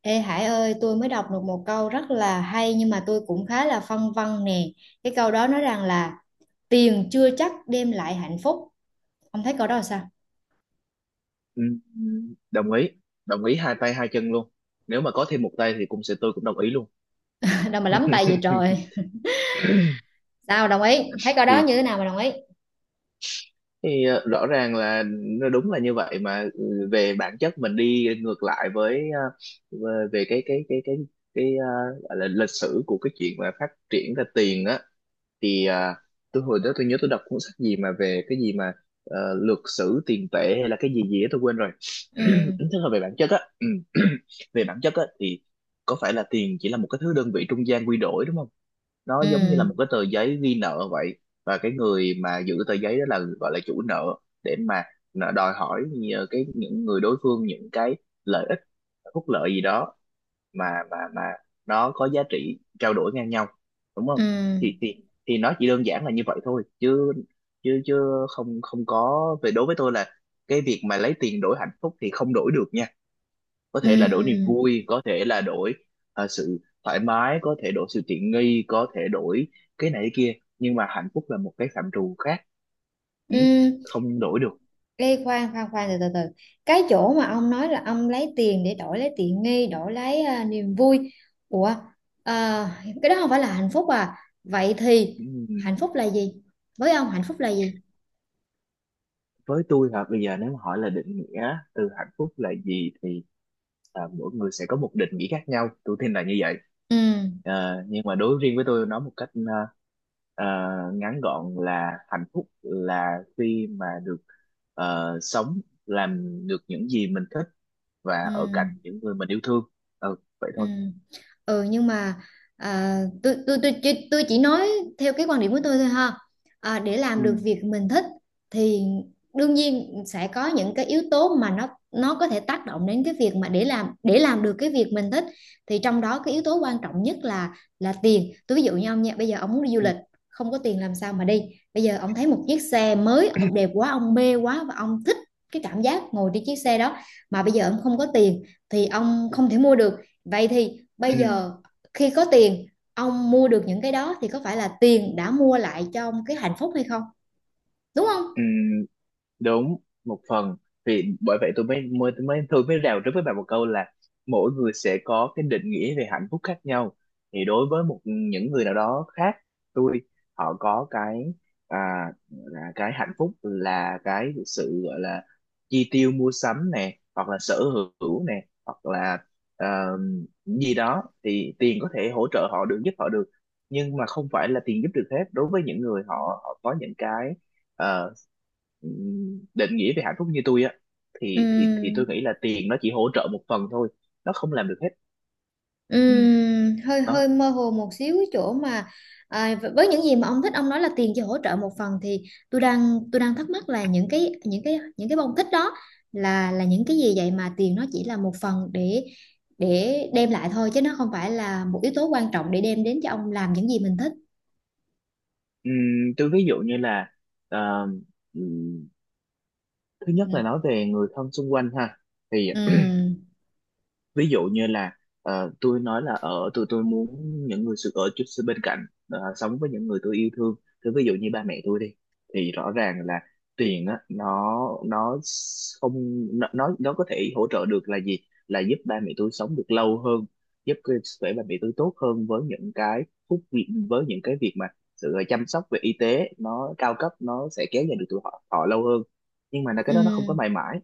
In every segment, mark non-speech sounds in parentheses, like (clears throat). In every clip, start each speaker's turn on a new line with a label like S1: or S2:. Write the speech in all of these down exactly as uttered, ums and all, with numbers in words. S1: Ê Hải ơi, tôi mới đọc được một câu rất là hay nhưng mà tôi cũng khá là phân vân nè. Cái câu đó nói rằng là tiền chưa chắc đem lại hạnh phúc. Ông thấy câu đó là sao?
S2: Ừm, Đồng ý, đồng ý hai tay hai chân luôn. Nếu mà có thêm một tay thì cũng sẽ tôi cũng đồng ý luôn.
S1: (laughs) Đâu mà lắm tay vậy trời.
S2: (laughs)
S1: Sao đồng ý? Thấy câu đó
S2: thì,
S1: như thế nào mà đồng ý?
S2: thì ờ, rõ ràng là nó đúng là như vậy mà, ừ, về bản chất mình đi ngược lại với, ờ, về về cái cái cái cái cái ờ, gọi là lịch sử của cái chuyện mà phát triển ra tiền á. Thì à, tôi hồi đó tôi nhớ tôi đọc cuốn sách gì mà về cái gì mà, ờ, luật sử tiền tệ hay là cái gì gì đó tôi quên rồi. (clears throat)
S1: Ừ,
S2: Tức là về bản chất á, ừ, (clears throat) về bản chất á thì có phải là tiền chỉ là một cái thứ đơn vị trung gian quy đổi, đúng không? Nó giống như
S1: ừ,
S2: là một cái tờ giấy ghi nợ vậy. Và cái người mà giữ tờ giấy đó là gọi là chủ nợ, để mà nợ đòi hỏi nhờ cái những người đối phương những cái lợi ích, phúc lợi gì đó mà mà mà nó có giá trị trao đổi ngang nhau, đúng không?
S1: ừ,
S2: Thì thì thì nó chỉ đơn giản là như vậy thôi, chứ chứ chứ không không có. Về đối với tôi là cái việc mà lấy tiền đổi hạnh phúc thì không đổi được nha. Có thể là đổi niềm
S1: ừ,
S2: vui, có thể là đổi, ờ, sự thoải mái, có thể đổi sự tiện nghi, có thể đổi cái này cái kia, nhưng mà hạnh phúc là một cái phạm trù khác. Ừ,
S1: ừ.
S2: không đổi được.
S1: Ê, khoan khoan khoan, từ từ từ, cái chỗ mà ông nói là ông lấy tiền để đổi lấy tiện nghi, đổi lấy à, niềm vui. Ủa, à, cái đó không phải là hạnh phúc à? Vậy thì
S2: Ừ,
S1: hạnh phúc là gì, với ông hạnh phúc là gì?
S2: với tôi là bây giờ nếu mà hỏi là định nghĩa từ hạnh phúc là gì thì, à, mỗi người sẽ có một định nghĩa khác nhau, tôi tin là như vậy.
S1: Ừ,
S2: Ờ, nhưng mà đối riêng với tôi nói một cách, ờ, ờ, ngắn gọn là hạnh phúc là khi mà được, ờ, sống làm được những gì mình thích và
S1: ừ,
S2: ở cạnh những người mình yêu thương. Ừ, vậy
S1: ừ,
S2: thôi.
S1: ừ, nhưng mà à, tôi, tôi tôi tôi tôi chỉ nói theo cái quan điểm của tôi thôi ha. À, để
S2: Ừ,
S1: làm được việc mình thích thì đương nhiên sẽ có những cái yếu tố mà nó nó có thể tác động đến cái việc mà để làm để làm được cái việc mình thích, thì trong đó cái yếu tố quan trọng nhất là là tiền. Tôi ví dụ như ông nha, bây giờ ông muốn đi du
S2: ừ,
S1: lịch, không có tiền làm sao mà đi? Bây giờ ông thấy một chiếc xe mới, ông đẹp quá, ông mê quá, và ông thích cái cảm giác ngồi trên chiếc xe đó, mà bây giờ ông không có tiền thì ông không thể mua được. Vậy thì bây
S2: ừ,
S1: giờ khi có tiền, ông mua được những cái đó, thì có phải là tiền đã mua lại cho ông cái hạnh phúc hay không? Đúng không?
S2: ừ. Đúng, một phần. Vì bởi vậy tôi mới mới tôi mới tôi mới rào trước với bạn một câu là mỗi người sẽ có cái định nghĩa về hạnh phúc khác nhau. Thì đối với một những người nào đó khác, tôi, họ có cái, à, là cái hạnh phúc là cái sự gọi là chi tiêu mua sắm nè, hoặc là sở hữu nè, hoặc là, ờ, gì đó, thì tiền có thể hỗ trợ họ được, giúp họ được. Nhưng mà không phải là tiền giúp được hết. Đối với những người họ, họ có những cái, ờ, định nghĩa về hạnh phúc như tôi á, thì thì thì
S1: Ừm,
S2: tôi nghĩ là tiền nó chỉ hỗ trợ một phần thôi, nó không làm được hết. Ừ,
S1: ừm, hơi
S2: đó.
S1: hơi mơ hồ một xíu cái chỗ mà à, với những gì mà ông thích, ông nói là tiền chỉ hỗ trợ một phần, thì tôi đang tôi đang thắc mắc là những cái những cái những cái bông thích đó là là những cái gì vậy, mà tiền nó chỉ là một phần để để đem lại thôi, chứ nó không phải là một yếu tố quan trọng để đem đến cho ông làm những gì mình thích.
S2: Ừ, tôi ví dụ như là, ờ, ừ, thứ nhất là
S1: Ừm,
S2: nói về người thân xung quanh ha. Thì
S1: ừm,
S2: ví dụ như là, ờ, tôi nói là ở, tôi tôi muốn những người sự ở chút xíu bên cạnh, ờ, sống với những người tôi yêu thương. Thì ví dụ như ba mẹ tôi đi, thì rõ ràng là tiền á, nó nó không nó nó nó có thể hỗ trợ được là gì, là giúp ba mẹ tôi sống được lâu hơn, giúp cái sức khỏe ba mẹ tôi tốt hơn. Với những cái phúc vi- với những cái việc mà sự chăm sóc về y tế nó cao cấp, nó sẽ kéo dài được tuổi họ, họ lâu hơn. Nhưng mà là cái đó nó không có
S1: ừm,
S2: mãi mãi.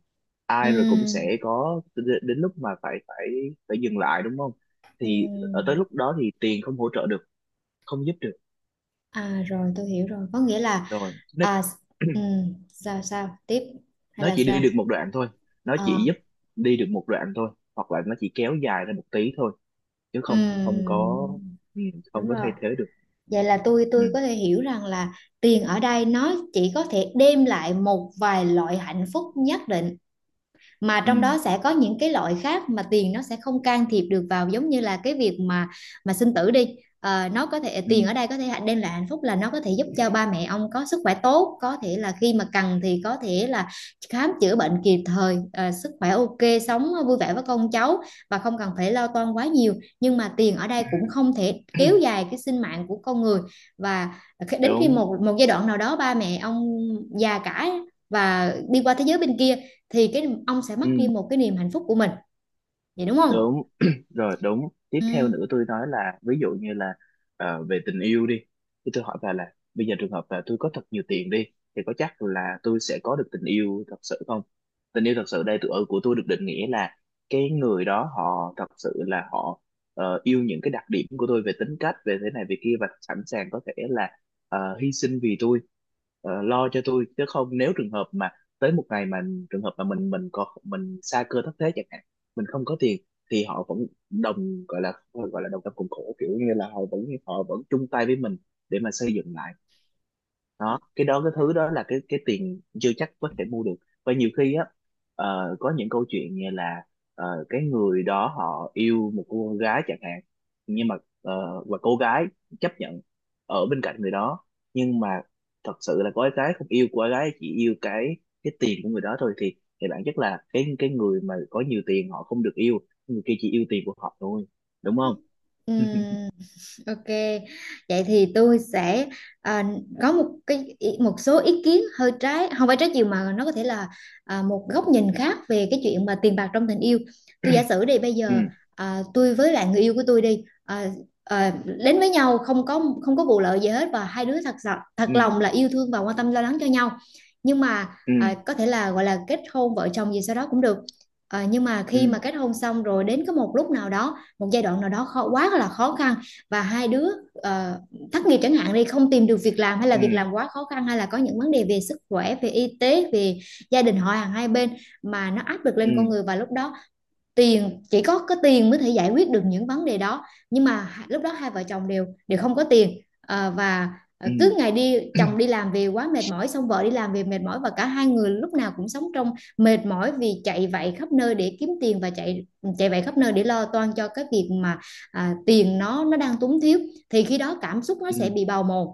S2: Ai rồi cũng sẽ có đ- đến lúc mà phải, phải phải dừng lại, đúng không? Thì ở tới
S1: ừm.
S2: lúc đó thì tiền không hỗ trợ được, không giúp được.
S1: À rồi, tôi hiểu rồi, có nghĩa là
S2: Rồi nó
S1: à
S2: (clears throat)
S1: ừm, sao sao tiếp hay
S2: nó
S1: là
S2: chỉ đi
S1: sao?
S2: được một đoạn thôi, nó chỉ
S1: Ờ,
S2: giúp đi được một đoạn thôi, hoặc là nó chỉ kéo dài ra một tí thôi, chứ không không
S1: ừm,
S2: có. ừ, Không
S1: đúng
S2: có
S1: rồi,
S2: thay thế được.
S1: vậy là tôi
S2: Ừ,
S1: tôi có thể hiểu rằng là tiền ở đây nó chỉ có thể đem lại một vài loại hạnh phúc nhất định, mà
S2: ừ,
S1: trong đó sẽ có những cái loại khác mà tiền nó sẽ không can thiệp được vào, giống như là cái việc mà mà sinh tử đi. Ờ, nó có thể,
S2: ừ,
S1: tiền ở đây có thể đem lại hạnh phúc là nó có thể giúp cho ba mẹ ông có sức khỏe tốt, có thể là khi mà cần thì có thể là khám chữa bệnh kịp thời, ờ, sức khỏe ok, sống vui vẻ với con cháu, và không cần phải lo toan quá nhiều. Nhưng mà tiền ở đây cũng không thể kéo dài cái sinh mạng của con người, và khi- đến khi
S2: đúng.
S1: một một giai đoạn nào đó, ba mẹ ông già cả và đi qua thế giới bên kia, thì cái ông sẽ mất
S2: Ừ.
S1: đi một cái niềm hạnh phúc của mình. Vậy đúng không?
S2: Đúng. (clears throat) Rồi. Đúng, tiếp theo
S1: Ừ,
S2: nữa tôi nói là ví dụ như là, ờ, về tình yêu đi. Thì tôi hỏi bà là bây giờ trường hợp là tôi có thật nhiều tiền đi, thì có chắc là tôi sẽ có được tình yêu thật sự không? Tình yêu thật sự đây tôi, ở của tôi được định nghĩa là cái người đó họ thật sự là họ, ờ, yêu những cái đặc điểm của tôi, về tính cách, về thế này về kia, và sẵn sàng có thể là, ờ, hy sinh vì tôi, ờ, lo cho tôi. Chứ không, nếu trường hợp mà tới một ngày mà trường hợp mà mình mình có mình sa cơ thất thế chẳng hạn, mình không có tiền, thì họ vẫn đồng, gọi là, gọi là đồng tâm cùng khổ, kiểu như là họ vẫn họ vẫn chung tay với mình để mà xây dựng lại. Đó, cái đó, cái thứ đó là cái, cái tiền chưa chắc có thể mua được. Và nhiều khi á, ờ, có những câu chuyện như là, ờ, cái người đó họ yêu một cô gái chẳng hạn, nhưng mà, ờ, và cô gái chấp nhận ở bên cạnh người đó, nhưng mà thật sự là cô gái không yêu, cô gái chỉ yêu cái, cái tiền của người đó thôi. Thì thì bản chất là cái cái người mà có nhiều tiền họ không được yêu, người kia chỉ yêu tiền của họ thôi, đúng không?
S1: ừ.
S2: (laughs)
S1: Ok, vậy thì tôi sẽ à, có một cái ý- một số ý kiến hơi trái, không phải trái chiều mà nó có thể là à, một góc nhìn khác về cái chuyện mà tiền bạc trong tình yêu. Tôi giả sử đi, bây
S2: Ừ,
S1: giờ à, tôi với lại người yêu của tôi đi, à, à, đến với nhau không có không có vụ lợi gì hết, và hai đứa thật sự thật
S2: ừ,
S1: lòng là yêu thương và quan tâm lo lắng cho nhau. Nhưng mà
S2: ừ,
S1: à, có thể là gọi là kết hôn vợ chồng gì sau đó cũng được. À, nhưng mà
S2: ừ,
S1: khi mà kết hôn xong rồi, đến có một lúc nào đó, một giai đoạn nào đó khó quá là khó khăn, và hai đứa ờ, thất nghiệp chẳng hạn đi, không tìm được việc làm, hay là việc
S2: ừ,
S1: làm quá khó khăn, hay là có những vấn đề về sức khỏe, về y tế, về gia đình họ hàng hai bên, mà nó áp lực
S2: ừ,
S1: lên con
S2: ừ,
S1: người. Và lúc đó tiền, chỉ có có tiền mới thể giải quyết được những vấn đề đó, nhưng mà lúc đó hai vợ chồng đều đều không có tiền. Ờ, và ờ,
S2: ừ.
S1: cứ ngày đi, chồng đi làm về quá mệt mỏi, xong vợ đi làm về mệt mỏi, và cả hai người lúc nào cũng sống trong mệt mỏi, vì chạy vạy khắp nơi để kiếm tiền, và chạy chạy vạy khắp nơi để lo toan cho cái việc mà à, tiền nó nó đang túng thiếu. Thì khi đó cảm xúc nó sẽ
S2: Ừ,
S1: bị bào mòn,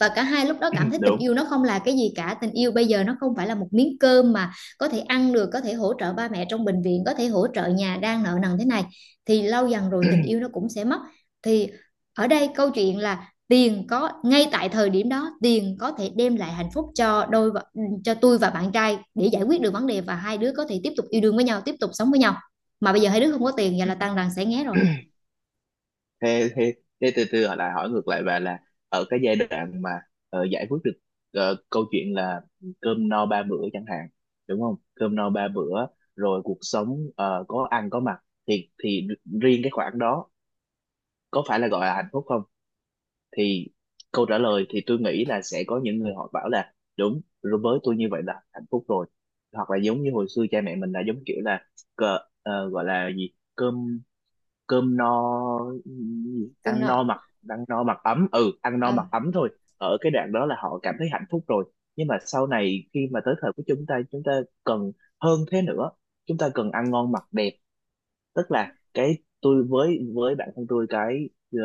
S1: và cả hai lúc đó cảm
S2: (clears throat)
S1: thấy tình
S2: đúng.
S1: yêu nó không là cái gì cả. Tình yêu bây giờ nó không phải là một miếng cơm mà có thể ăn được, có thể hỗ trợ ba mẹ trong bệnh viện, có thể hỗ trợ nhà đang nợ nần thế này. Thì lâu dần rồi tình yêu nó cũng sẽ mất. Thì ở đây câu chuyện là tiền, có ngay tại thời điểm đó tiền có thể đem lại hạnh phúc cho đôi vợ- cho tôi và bạn trai, để giải quyết được vấn đề, và hai đứa có thể tiếp tục yêu đương với nhau, tiếp tục sống với nhau. Mà bây giờ hai đứa không có tiền, vậy là
S2: Ừ.
S1: tan đàn sẽ nghé rồi.
S2: thế thế Thế, từ từ, hỏi lại, hỏi ngược lại bà là, ở cái giai đoạn mà, ờ, giải quyết được, ờ, câu chuyện là cơm no ba bữa chẳng hạn, đúng không? Cơm no ba bữa rồi, cuộc sống, ờ, có ăn có mặc, thì thì riêng cái khoản đó có phải là gọi là hạnh phúc không? Thì câu trả lời thì tôi nghĩ là sẽ có những người họ bảo là đúng rồi, với tôi như vậy là hạnh phúc rồi. Hoặc là giống như hồi xưa cha mẹ mình là giống kiểu là, cờ, ờ, gọi là gì, cơm, cơm no
S1: Cơm
S2: ăn
S1: nọ.
S2: no mặc, ăn no mặc ấm ừ ăn no
S1: Ờ.
S2: mặc ấm thôi. Ở cái đoạn đó là họ cảm thấy hạnh phúc rồi. Nhưng mà sau này khi mà tới thời của chúng ta, chúng ta cần hơn thế nữa, chúng ta cần ăn ngon mặc đẹp. Tức là cái tôi, với với bản thân tôi, cái, ờ,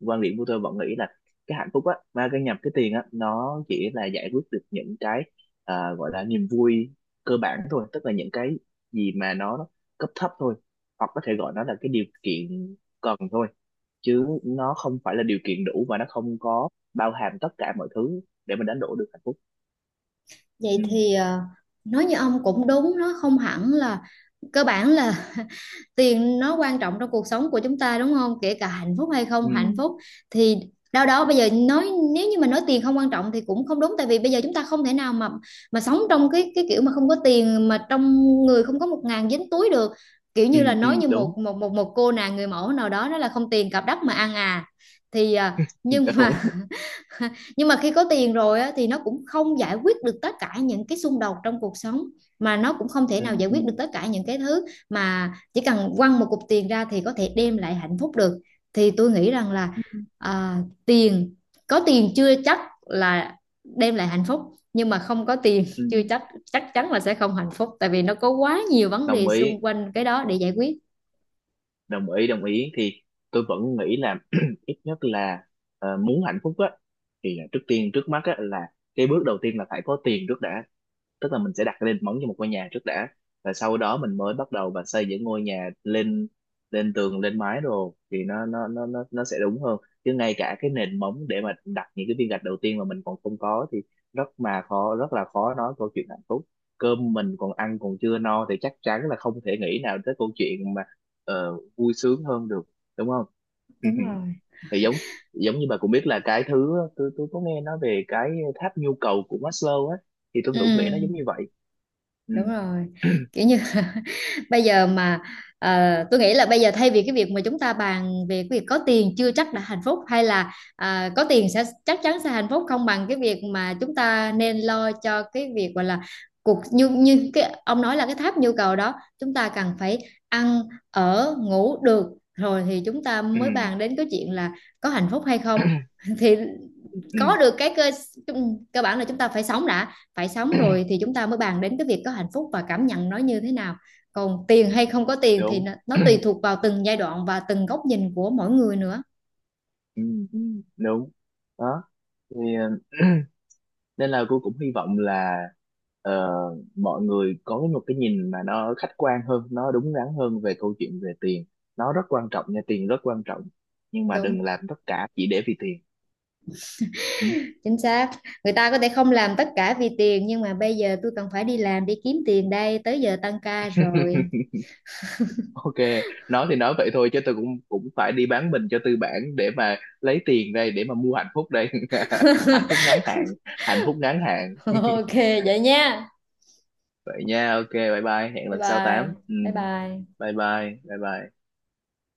S2: quan điểm của tôi vẫn nghĩ là cái hạnh phúc á mà cái nhập cái tiền á, nó chỉ là giải quyết được những cái, à, gọi là niềm vui cơ bản thôi, tức là những cái gì mà nó cấp thấp thôi. Hoặc có thể gọi nó là cái điều kiện cần thôi, chứ nó không phải là điều kiện đủ, và nó không có bao hàm tất cả mọi thứ để mình đánh đổi được hạnh phúc.
S1: Vậy
S2: Ừ,
S1: thì ờ, nói như ông cũng đúng, nó không hẳn là cơ bản là (laughs) tiền nó quan trọng trong cuộc sống của chúng ta, đúng không? Kể cả hạnh phúc hay không
S2: ừ,
S1: hạnh phúc, thì đâu đó bây giờ nói, nếu như mà nói tiền không quan trọng thì cũng không đúng, tại vì bây giờ chúng ta không thể nào mà mà sống trong cái cái kiểu mà không có tiền, mà trong người không có một ngàn dính túi được. Kiểu
S2: ừ,
S1: như là
S2: ừ,
S1: nói như
S2: đúng.
S1: một một một một cô nàng người mẫu nào đó, đó là không tiền cặp đất mà ăn à. Thì ờ, nhưng
S2: (laughs) Đúng.
S1: mà (laughs) nhưng mà khi có tiền rồi á, thì nó cũng không giải quyết được tất cả những cái xung đột trong cuộc sống, mà nó cũng không thể
S2: Ừ,
S1: nào giải
S2: ừ,
S1: quyết được tất cả những cái thứ mà chỉ cần quăng một cục tiền ra thì có thể đem lại hạnh phúc được. Thì tôi nghĩ rằng là
S2: ừ,
S1: à, tiền, có tiền chưa chắc là đem lại hạnh phúc, nhưng mà không có tiền
S2: ừ.
S1: (laughs) chưa chắc chắc chắn là sẽ không hạnh phúc, tại vì nó có quá nhiều vấn
S2: Đồng
S1: đề xung
S2: ý,
S1: quanh cái đó để giải quyết.
S2: đồng ý đồng ý. Thì tôi vẫn nghĩ là, (clears throat) ít nhất là, ờ, muốn hạnh phúc á thì là trước tiên, trước mắt á, là cái bước đầu tiên là phải có tiền trước đã. Tức là mình sẽ đặt nền móng cho một ngôi nhà trước đã, và sau đó mình mới bắt đầu và xây những ngôi nhà lên, lên tường lên mái, rồi thì nó nó nó nó nó sẽ đúng hơn. Chứ ngay cả cái nền móng để mà đặt những cái viên gạch đầu tiên mà mình còn không có thì rất mà khó rất là khó nói câu chuyện hạnh phúc. Cơm mình còn ăn còn chưa no thì chắc chắn là không thể nghĩ nào tới câu chuyện mà, ờ, vui sướng hơn được, đúng không?
S1: Đúng
S2: (laughs)
S1: rồi.
S2: Thì giống giống như bà cũng biết là cái thứ, tôi tôi có nghe nói về cái tháp nhu cầu của Maslow á, thì tôi
S1: Ừ,
S2: cũng nghĩ nó giống như vậy. Ừ,
S1: đúng rồi,
S2: (clears throat)
S1: kiểu như (laughs) bây giờ mà ờ, tôi nghĩ là bây giờ, thay vì cái việc mà chúng ta bàn về cái việc có tiền chưa chắc đã hạnh phúc, hay là à, có tiền sẽ chắc chắn sẽ hạnh phúc, không bằng cái việc mà chúng ta nên lo cho cái việc gọi là cuộc, như như cái ông nói là cái tháp nhu cầu đó. Chúng ta cần phải ăn, ở, ngủ được, rồi thì chúng ta
S2: ừ,
S1: mới bàn đến cái chuyện là có hạnh phúc hay không. (laughs) Thì có
S2: ừ,
S1: được cái cơ cơ bản là chúng ta phải sống đã. Phải sống rồi thì chúng ta mới bàn đến cái việc có hạnh phúc và cảm nhận nó như thế nào. Còn tiền hay không có tiền, thì
S2: đúng.
S1: nó, nó tùy thuộc vào từng giai đoạn và từng góc nhìn của mỗi người nữa.
S2: Ừ. Ừ. Đúng, đó. Thì, (clears throat) nên là cô cũng hy vọng là, ờ, mọi người có một cái nhìn mà nó khách quan hơn, nó đúng đắn hơn về câu chuyện về tiền. Nó rất quan trọng nha, tiền rất quan trọng, nhưng mà
S1: Đúng,
S2: đừng làm tất cả chỉ để vì tiền. Ừ.
S1: chính xác. Người ta có thể không làm tất cả vì tiền, nhưng mà bây giờ tôi cần phải đi làm, đi kiếm tiền đây, tới giờ tăng ca rồi.
S2: Ok, nói thì nói vậy thôi, chứ tôi cũng cũng phải đi bán mình cho tư bản để mà lấy tiền đây, để mà mua hạnh phúc đây. (laughs) Hạnh phúc ngắn hạn, hạnh phúc ngắn hạn.
S1: (laughs)
S2: (laughs)
S1: Ok, vậy nha,
S2: Vậy nha, ok, bye bye, hẹn
S1: bye
S2: lần sau
S1: bye,
S2: tám. Ừ,
S1: bye bye.
S2: bye bye, bye bye.